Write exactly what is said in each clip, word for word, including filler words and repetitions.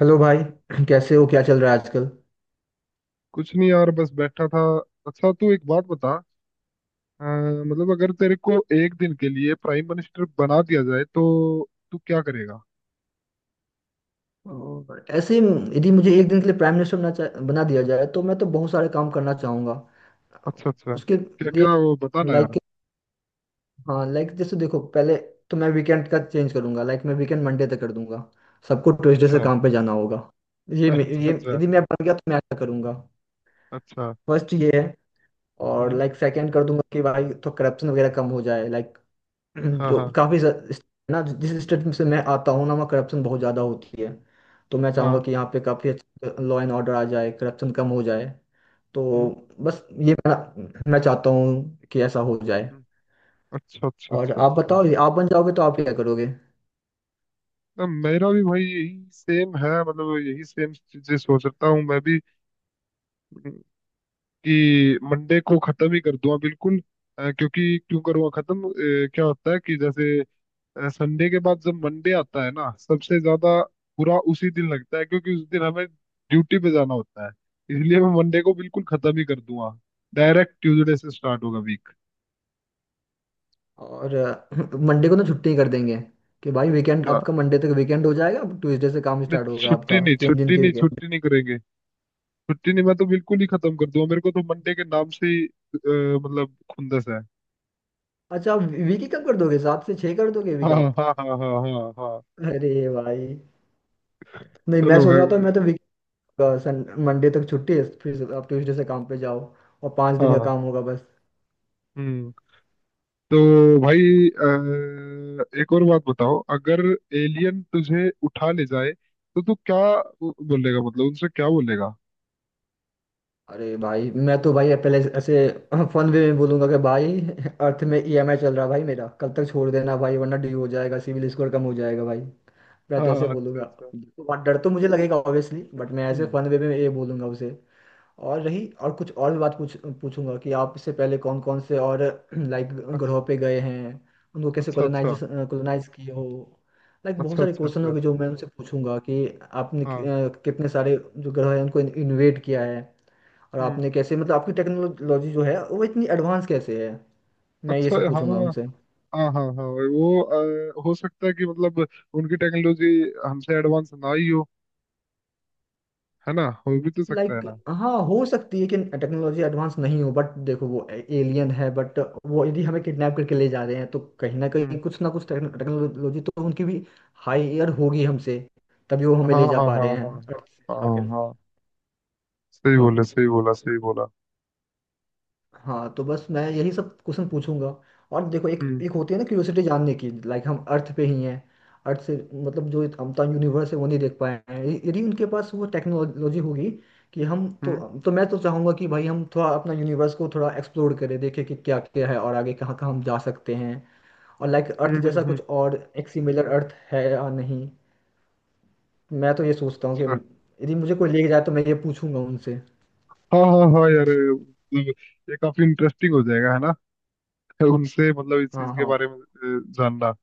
Hello भाई कैसे हो? क्या चल रहा है आजकल? कुछ नहीं यार, बस बैठा था। अच्छा, तू एक बात बता। अ, मतलब अगर तेरे को एक दिन के लिए प्राइम मिनिस्टर बना दिया जाए तो तू क्या करेगा? और ऐसे ही, यदि मुझे एक दिन के लिए प्राइम मिनिस्टर बना चा- बना दिया जाए तो मैं तो बहुत सारे काम करना चाहूंगा। अच्छा अच्छा, उसके क्या लिए, क्या वो बताना यार। लाइक, हाँ, लाइक जैसे देखो, पहले तो मैं वीकेंड का चेंज करूंगा। लाइक, मैं वीकेंड मंडे तक कर दूंगा। सबको ट्यूसडे से अच्छा। काम पे जाना होगा। ये मे- अच्छा ये अच्छा यदि मैं बन गया तो मैं ऐसा करूंगा। अच्छा। फर्स्ट ये है। और हम्म। लाइक, सेकंड कर दूंगा कि भाई तो करप्शन वगैरह कम हो जाए, लाइक। हाँ जो हाँ काफी ज- इस- ना, जिस स्टेट से मैं आता हूँ ना, वहाँ करप्शन बहुत ज्यादा होती है। तो मैं चाहूंगा हाँ। कि यहाँ पे काफी अच्छा लॉ एंड ऑर्डर आ जाए, करप्शन कम हो जाए। तो हम्म। बस ये मेरा। मैं चाहता हूँ कि ऐसा हो जाए। हम्म। अच्छा अच्छा और अच्छा आप अच्छा। बताओ, आप बन जाओगे तो आप क्या करोगे? अ, मेरा भी भाई यही सेम है, मतलब यही सेम चीजें सोच रहा हूँ मैं भी। हम्म। कि मंडे को खत्म ही कर दूंगा बिल्कुल। अ, क्योंकि क्यों करूँगा खत्म अ, क्या होता है कि, जैसे, संडे के बाद जब मंडे आता है ना, सबसे ज्यादा बुरा उसी दिन लगता है, क्योंकि उस दिन हमें ड्यूटी पे जाना होता है। इसलिए मैं मंडे को बिल्कुल खत्म ही कर दूंगा। डायरेक्ट ट्यूसडे से स्टार्ट होगा वीक। और अ, मंडे को ना छुट्टी कर देंगे। कि भाई वीकेंड आपका मंडे तक वीकेंड हो जाएगा, ट्यूसडे से काम नहीं, स्टार्ट होगा छुट्टी आपका नहीं, तीन दिन छुट्टी के नहीं, वीकेंड। छुट्टी नहीं करेंगे। छुट्टी नहीं, मैं तो बिल्कुल ही खत्म कर दूंगा। मेरे को तो मंडे के नाम से ही अ, मतलब खुंदस है। अच्छा, आप वीक ही कब कर दोगे? सात से छः कर दोगे हाँ वीक हाँ आप? हाँ हाँ हाँ हाँ। अरे भाई, नहीं, मैं चलो। सोच हाँ रहा था मैं तो, का सन मंडे तक छुट्टी है, फिर आप ट्यूसडे से काम पे जाओ, और पाँच हाँ दिन का हाँ। काम होगा बस। हम्म। तो भाई, अ, एक और बात बताओ। अगर एलियन तुझे उठा ले जाए तो तू क्या बोलेगा, मतलब उनसे क्या बोलेगा? अरे भाई, मैं तो भाई पहले ऐसे फन वे में बोलूंगा कि भाई, अर्थ में ई एम आई चल रहा है भाई मेरा, कल तक छोड़ देना भाई, वरना ड्यू हो जाएगा, सिविल स्कोर कम हो जाएगा भाई। मैं तो ऐसे हाँ, अच्छा बोलूंगा। अच्छा। तो वहाँ डर तो मुझे लगेगा ऑब्वियसली, बट मैं ऐसे हम्म। फन वे में ये बोलूंगा उसे। और रही, और कुछ और बात पूछ पूछूंगा कि आप इससे पहले कौन कौन से और लाइक, अच्छा ग्रहों पे गए हैं? उनको कैसे अच्छा। अच्छा कॉलोनाइज कॉलोनाइज किए हो? लाइक, बहुत अच्छा सारे अच्छा क्वेश्चन अच्छा। होंगे जो मैं उनसे पूछूंगा कि आपने कि- हाँ। अ, कितने सारे जो ग्रह हैं उनको इन्वेट किया है, और हम्म। आपने कैसे, मतलब आपकी टेक्नोलॉजी जो है वो इतनी एडवांस कैसे है? मैं ये अच्छा। सब हाँ पूछूंगा उनसे। हाँ हाँ हाँ। वो अ, हो सकता है कि, मतलब उनकी टेक्नोलॉजी हमसे एडवांस ना ही हो। है ना? हो भी तो सकता है लाइक ना। हाँ, हो सकती है कि टेक्नोलॉजी एडवांस नहीं हो, बट देखो वो एलियन है, बट वो यदि हमें किडनैप करके ले जा रहे हैं तो कहीं ना हम्म। कहीं कुछ ना कुछ टेक्नोलॉजी तो उनकी भी हायर होगी हमसे, तभी वो हमें हाँ ले जा हाँ पा हाँ रहे हैं हाँ हाँ Earth से हाँ उठाकर। हाँ, सही बोला, सही बोला, सही बोला। हाँ, तो बस मैं यही सब क्वेश्चन पूछूंगा। और देखो, एक हम्म एक होती है ना क्यूरियोसिटी जानने की, लाइक हम अर्थ पे ही हैं, अर्थ से मतलब जो हम तो यूनिवर्स है वो नहीं देख पाए हैं, य- यदि उनके पास वो टेक्नोलॉजी होगी कि हम तो। हम्म तो मैं तो चाहूंगा कि भाई हम थोड़ा अपना यूनिवर्स को थोड़ा एक्सप्लोर करें, देखें कि क्या क्या है और आगे कहाँ कहाँ हम जा सकते हैं, और लाइक अर्थ हम्म हम्म जैसा हम्म। कुछ और एक सिमिलर अर्थ है या नहीं। मैं तो ये सोचता हूँ कि अच्छा। यदि मुझे कोई लेके जाए तो मैं ये पूछूंगा उनसे। हाँ हाँ हाँ यार, मतलब ये काफी इंटरेस्टिंग हो जाएगा, है ना? उनसे मतलब इस चीज हाँ के हाँ। बारे में अ, जानना।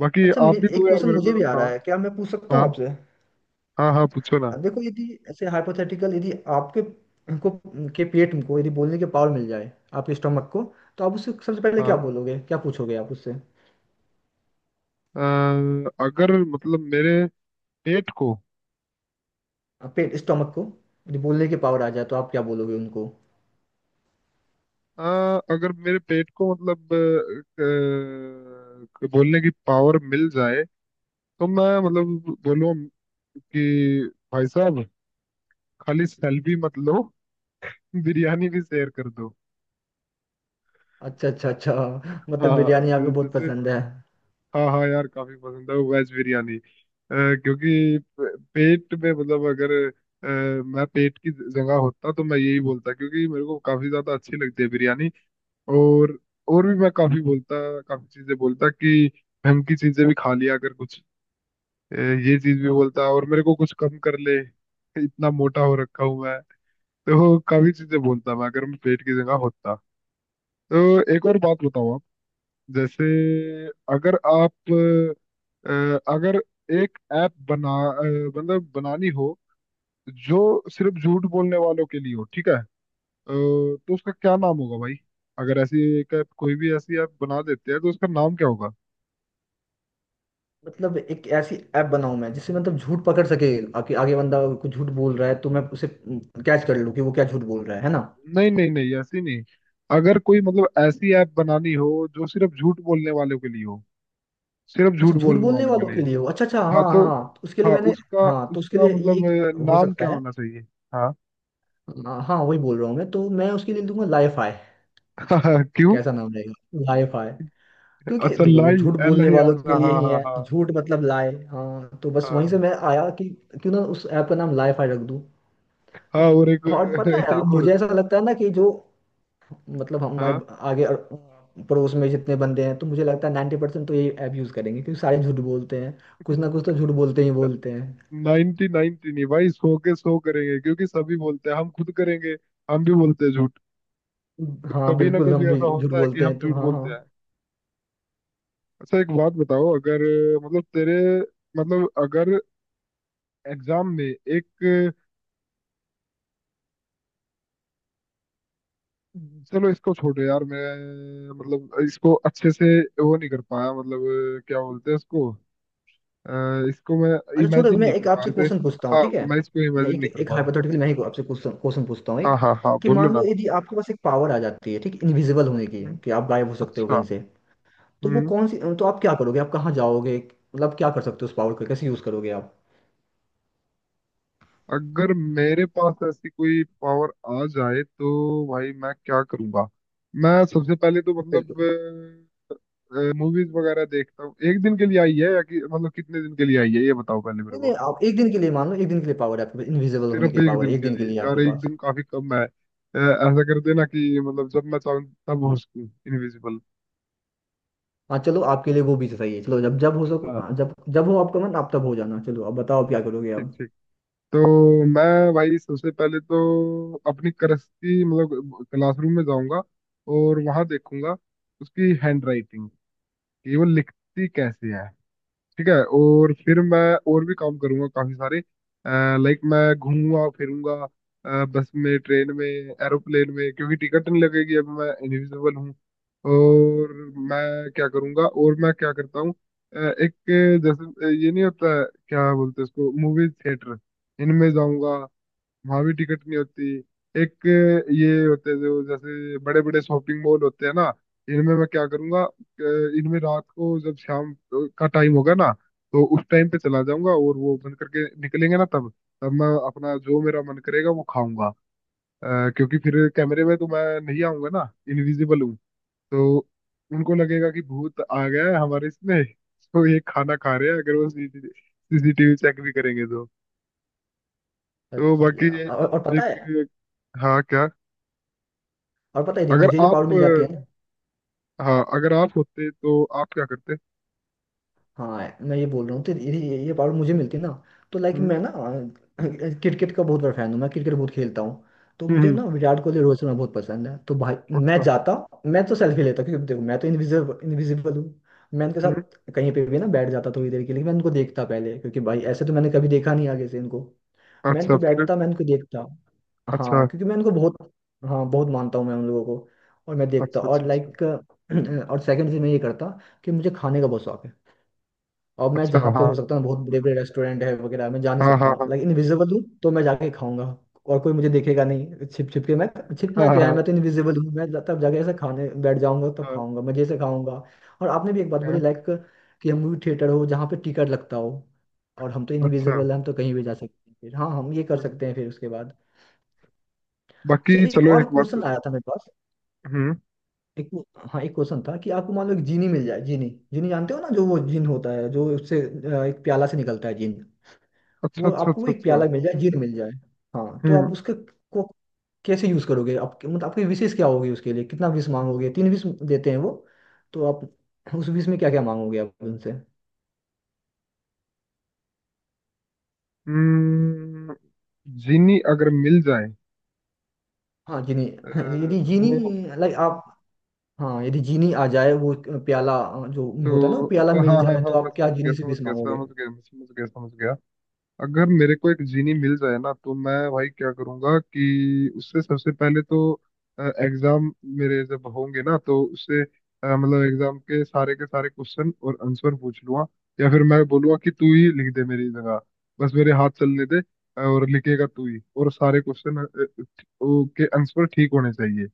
बाकी अच्छा, आप मे- भी दो एक यार क्वेश्चन मेरे मुझे को, भी आ रहा हाँ। है, क्या मैं पूछ सकता हूँ हाँ आपसे? हाँ, हाँ पूछो ना। अब देखो, यदि ऐसे हाइपोथेटिकल, यदि आपके को के पेट को यदि बोलने की पावर मिल जाए, आपके स्टमक को, तो आप उससे सबसे पहले क्या हाँ। बोलोगे, क्या पूछोगे आप उससे? अ, अगर मतलब मेरे पेट को आप पेट स्टमक को यदि बोलने की पावर आ जाए तो आप क्या बोलोगे उनको? अ, अगर मेरे पेट को मतलब अ, अ, बोलने की पावर मिल जाए तो मैं मतलब बोलूँ कि भाई साहब, खाली सेल्फी मत लो। बिरयानी भी शेयर कर दो। अच्छा, अच्छा, अच्छा। मतलब हाँ, बिरयानी आपको बहुत जैसे, पसंद है। हाँ हाँ यार, काफी पसंद है वो वेज बिरयानी। अ, क्योंकि प- पेट में मतलब अगर अ, मैं पेट की जगह होता तो मैं यही बोलता, क्योंकि मेरे को काफी ज्यादा अच्छी लगती है बिरयानी। और और भी मैं काफी बोलता, काफी चीजें बोलता कि, ढंग की चीजें भी खा लिया अगर कुछ। अ, ये चीज भी बोलता, और मेरे को कुछ कम कर ले, इतना मोटा हो रखा हूं मैं। तो काफी चीजें बोलता मैं, अगर मैं पेट की जगह होता। तो एक और बात बताओ आप। जैसे अगर आप अ, अगर एक ऐप बना अ, मतलब बनानी हो, जो सिर्फ झूठ बोलने वालों के लिए हो, ठीक है। अ, तो उसका क्या नाम होगा भाई? अगर ऐसी एक ऐप, कोई भी ऐसी ऐप बना देते हैं तो उसका नाम क्या होगा? मतलब एक ऐसी ऐप बनाऊं मैं जिससे मतलब झूठ पकड़ सके, आगे आगे बंदा कुछ झूठ बोल रहा है तो मैं उसे कैच कर लूं कि वो क्या झूठ बोल रहा है है ना? नहीं नहीं नहीं, ऐसी नहीं। अगर कोई मतलब ऐसी ऐप बनानी हो, जो सिर्फ झूठ बोलने वालों के लिए हो, सिर्फ अच्छा, झूठ झूठ बोलने बोलने वालों वालों के लिए। के लिए हो। अच्छा अच्छा, हाँ हाँ हाँ तो, हाँ, तो उसके लिए हाँ, मैंने, उसका हाँ तो उसके उसका लिए ये मतलब अ, हो नाम सकता क्या है। होना चाहिए? हाँ। हाँ हाँ, वही बोल रहा हूँ मैं, तो मैं उसके लिए दूंगा लाइफाई। क्यों? कैसा नाम रहेगा? लाइफाई। क्योंकि अच्छा, देखो वो लाई, झूठ एल बोलने है, वालों के अच्छा, लिए हाँ ही हाँ है, हाँ। झूठ मतलब लाए, हाँ, तो बस वहीं हाँ से मैं आया कि क्यों ना उस ऐप का नाम लाइफाई रख दूँ। हाँ, और एक और पता है, एक और। मुझे ऐसा लगता है ना कि जो, मतलब हमारे हाँ, आगे अर- पड़ोस में जितने बंदे हैं, तो मुझे लगता है नाइन्टी परसेंट तो ये ऐप यूज़ करेंगे क्योंकि सारे झूठ बोलते हैं। कुछ ना कुछ तो झूठ बोलते ही बोलते हैं। नाइनटी, नाइनटी नहीं भाई, सौ के सौ करेंगे, क्योंकि सभी बोलते हैं, हम खुद करेंगे। हम भी बोलते हैं झूठ। तो हाँ कभी ना बिल्कुल, कभी हम भी ऐसा झूठ होता है कि बोलते हम हैं तो। झूठ हाँ बोलते हैं। हाँ। अच्छा, एक बात बताओ। अगर मतलब तेरे, मतलब अगर एग्जाम में एक, चलो इसको छोड़ो यार, मैं मतलब इसको अच्छे से वो नहीं कर पाया, मतलब क्या बोलते हैं इसको। अ, इसको मैं अच्छा छोड़ो, इमेजिन मैं नहीं एक कर पाया, आपसे जैसे। क्वेश्चन पूछता हूँ, हाँ, ठीक है? मैं इसको मैं इमेजिन एक नहीं कर एक पाया। हाइपोथेटिकल मैं ही आपसे क्वेश्चन क्वेश्चन पूछता हूँ एक, हाँ हाँ हाँ, कि बोलो मान ना। लो यदि आपके पास एक पावर आ जाती है, ठीक, इनविजिबल होने की, हम्म। कि आप गायब हो सकते हो अच्छा। कहीं से, तो वो हम्म। कौन सी, तो आप क्या करोगे, आप कहाँ जाओगे? मतलब क्या कर सकते हो, उस पावर को कैसे यूज करोगे आप? अगर मेरे पास ऐसी कोई पावर आ जाए तो भाई मैं क्या करूंगा? मैं सबसे पहले तो बिल्कुल। मतलब मूवीज वगैरह देखता हूँ। एक दिन के लिए आई है या कि मतलब कितने दिन के लिए आई है, ये बताओ पहले मेरे नहीं नहीं, को। आप एक दिन के लिए मान लो, एक दिन के लिए पावर है आपके पास, इनविजिबल होने सिर्फ की एक पावर है दिन एक के दिन के लिए लिए यार, आपके एक पास। दिन काफी कम है। अ, ऐसा कर देना कि मतलब जब मैं चाहूँ तब हो सकूँ इनविजिबल। हाँ चलो, आपके लिए वो भी सही है, चलो जब जब हो सको, हाँ, हाँ, जब जब हो आपका मन आप तब हो जाना, चलो अब बताओ क्या करोगे ठीक आप? ठीक। तो मैं भाई सबसे पहले तो अपनी करस्ती मतलब क्लासरूम में जाऊंगा, और वहां देखूंगा उसकी हैंड राइटिंग कि वो लिखती कैसे है, ठीक है। और फिर मैं और भी काम करूंगा काफी सारे। लाइक मैं घूमूंगा फिरूंगा अ, बस में, ट्रेन में, एरोप्लेन में, क्योंकि टिकट नहीं लगेगी, अभी मैं इनविजिबल हूँ। और मैं क्या करूंगा, और मैं क्या करता हूँ। अ, एक, जैसे ये नहीं होता है, क्या बोलते हैं उसको, मूवी थिएटर, इनमें जाऊंगा। हावी टिकट नहीं होती। एक, ये होते हैं जो जैसे बड़े बड़े शॉपिंग मॉल होते हैं ना, इनमें मैं क्या करूंगा, अ, इनमें रात को, जब शाम का टाइम होगा ना, तो उस टाइम पे चला जाऊंगा, और वो बंद करके निकलेंगे ना तब तब मैं अपना जो मेरा मन करेगा वो खाऊंगा। अ, क्योंकि फिर कैमरे में तो मैं नहीं आऊंगा ना, इनविजिबल हूँ। तो उनको लगेगा कि भूत आ गया है हमारे इसमें। तो ये खाना खा रहे हैं, अगर वो सीसीटीवी चेक भी करेंगे तो। तो बाकी अच्छा, ये और और पता है, एक, हाँ क्या? और पता है यदि अगर मुझे ये पावर आप मिल जाती अ, है ना, हाँ, अगर आप होते तो आप क्या करते? हाँ मैं ये बोल रहा हूँ, तो ये ये, ये पावर मुझे मिलती ना, तो लाइक हम्म मैं ना अ, क्रिकेट का बहुत बड़ा फैन हूँ, मैं क्रिकेट बहुत खेलता हूँ। तो हम्म मुझे हम्म। ना विराट कोहली, रोहित शर्मा बहुत पसंद है तो भाई, मैं अच्छा। जाता, मैं तो सेल्फी हम्म लेता, क्योंकि देखो मैं तो इनविजिबल इनविजिबल हूँ। मैं उनके हम्म। साथ कहीं पे भी ना बैठ जाता थोड़ी देर के लिए, मैं उनको देखता पहले क्योंकि भाई ऐसे तो मैंने कभी देखा नहीं आगे से इनको, मैं अच्छा इनको फिर। बैठता, मैं इनको देखता। हाँ, अच्छा, क्योंकि मैं इनको बहुत, हाँ बहुत मानता हूँ मैं उन लोगों को, और मैं देखता, अच्छा, अच्छा, और अच्छा, लाइक और सेकंड चीज मैं ये करता कि मुझे खाने का बहुत शौक है। अब मैं अच्छा। जहाँ पे हाँ हो सकता हूँ, बहुत बड़े बड़े रेस्टोरेंट है वगैरह, मैं जा नहीं हाँ सकता हाँ हूँ, हाँ लाइक इनविजिबल हूँ तो मैं जाके खाऊंगा, और कोई मुझे देखेगा नहीं, छिप छिप के मैं, हाँ छिपना हाँ क्या है, मैं हाँ, तो इनविजिबल हूँ, मैं तब जाके ऐसे खाने बैठ जाऊंगा, तब हाँ, खाऊंगा, मजे से खाऊंगा। और आपने भी एक बात हाँ, बोली, लाइक कि हम मूवी थिएटर हो जहाँ पे टिकट लगता हो, और हम तो अच्छा। इनविजिबल हैं, हम तो कहीं भी जा सकते हैं फिर, हाँ हम ये कर हम्म। सकते हैं फिर उसके बाद। बाकी अच्छा, एक चलो और एक क्वेश्चन बात। आया था मेरे पास, हम्म। एक, हाँ एक क्वेश्चन था कि आपको मान लो एक जीनी मिल जाए। जीनी, जीनी जानते हो ना, जो वो जीन होता है जो उससे अ, एक प्याला से निकलता है, जीन, अच्छा, वो अच्छा, आपको अच्छा, एक अच्छा। प्याला मिल जाए, जीर मिल जाए, हाँ तो आप हम्म उसके को कैसे यूज करोगे आपके, मतलब आपकी विशेष क्या होगी उसके लिए, कितना विश मांगोगे? तीन विश देते हैं वो, तो आप उस विश में क्या क्या मांगोगे आप उनसे? हम्म। जीनी अगर मिल जाए, हाँ जीनी, अ, यदि जीनी, वो, लाइक आप, हाँ यदि जीनी आ जाए, वो प्याला जो होता है ना तो प्याला अच्छा, हाँ मिल हाँ जाए, हाँ, तो मैं आप क्या समझ गया, जीनी से समझ विश गया, मांगोगे? समझ गया, मैं समझ गया, समझ गया। अगर मेरे को एक जीनी मिल जाए ना, तो मैं भाई क्या करूंगा कि उससे सबसे पहले तो, एग्जाम मेरे जब होंगे ना, तो उससे अ, मतलब एग्जाम के सारे के सारे क्वेश्चन और आंसर पूछ लूंगा। या फिर मैं बोलूंगा कि तू ही लिख दे मेरी जगह, बस मेरे हाथ चलने दे, और लिखेगा तू ही, और सारे क्वेश्चन के आंसर ठीक होने चाहिए।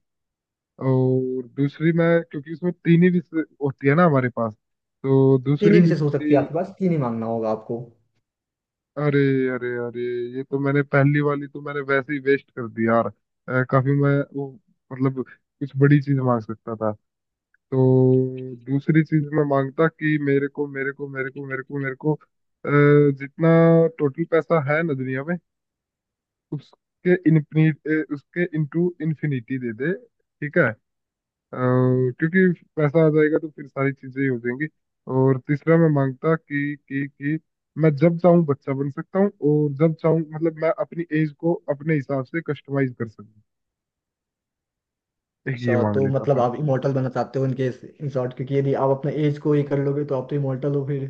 और दूसरी मैं, क्योंकि उसमें तीन ही विषय होती है ना हमारे पास, तो तीन ही दूसरी विशेष विषय हो सकती है मेरी, आपके पास, तीन ही मांगना होगा आपको। अरे अरे अरे, ये तो मैंने, पहली वाली तो मैंने वैसे ही वेस्ट कर दी यार। अ, काफी मैं वो मतलब कुछ बड़ी चीज मांग सकता था। तो दूसरी चीज मैं मांगता कि मेरे को मेरे को मेरे को मेरे को मेरे को अ, जितना टोटल पैसा है ना दुनिया में, उसके इन उसके इनटू इन्फिनिटी दे दे, ठीक है। और क्योंकि पैसा आ जाएगा तो फिर सारी चीजें ही हो जाएंगी। और तीसरा मैं मांगता कि कि कि मैं जब चाहूँ बच्चा बन सकता हूँ, और जब चाहूँ मतलब मैं अपनी एज को अपने हिसाब से कस्टमाइज कर सकूँ। एक ये अच्छा, मांग तो लेता मतलब बस। आप इमोर्टल बनना चाहते हो, इनके इन शॉर्ट, क्योंकि यदि आप अपने एज को ये कर लोगे तो आप तो इमोर्टल हो फिर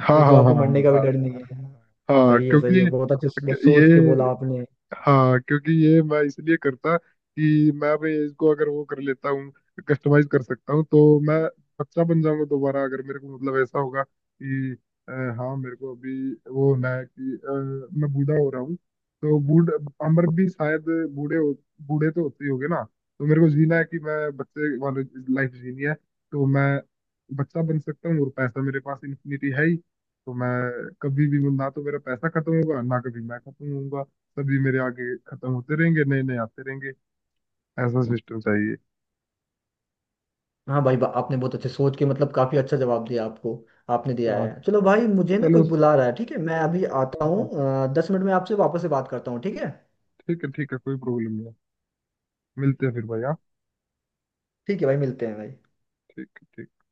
हाँ फिर तो हाँ हाँ आपको मरने हाँ का भी हाँ डर नहीं है। हाँ। सही है, क्योंकि सही है, बहुत अच्छे से- बहुत ये सोच के बोला आपने। हाँ, क्योंकि ये मैं इसलिए करता, कि मैं भी इसको अगर वो कर लेता हूँ, कस्टमाइज कर सकता हूँ, तो मैं बच्चा बन जाऊंगा दोबारा। अगर मेरे को मतलब ऐसा होगा कि, अ, हाँ, मेरे को अभी वो होना है कि, अ, मैं बूढ़ा हो रहा हूँ। तो बूढ़ अमर भी शायद बूढ़े हो, बूढ़े तो होते ही होंगे ना। तो मेरे को जीना है कि मैं बच्चे वाले लाइफ जीनी है। तो मैं बच्चा बन सकता हूँ और पैसा मेरे पास इन्फिनिटी है ही। तो मैं कभी भी ना तो मेरा पैसा खत्म होगा, ना कभी मैं खत्म होऊंगा। सभी मेरे आगे खत्म होते रहेंगे, नए नए आते रहेंगे। ऐसा सिस्टम चाहिए। हाँ भाई, बा- आपने बहुत अच्छे सोच के, मतलब काफी अच्छा जवाब दिया, आपको आपने दिया हाँ, है। चलो भाई, मुझे ना कोई चलो, बुला रहा है, ठीक है, मैं अभी हाँ आता हाँ। हूँ, दस मिनट में आपसे वापस से बात करता हूँ, ठीक है? ठीक है, ठीक है, कोई प्रॉब्लम नहीं है। मिलते हैं फिर भाई, हाँ। ठीक है भाई, मिलते हैं भाई। ठीक है, ठीक है।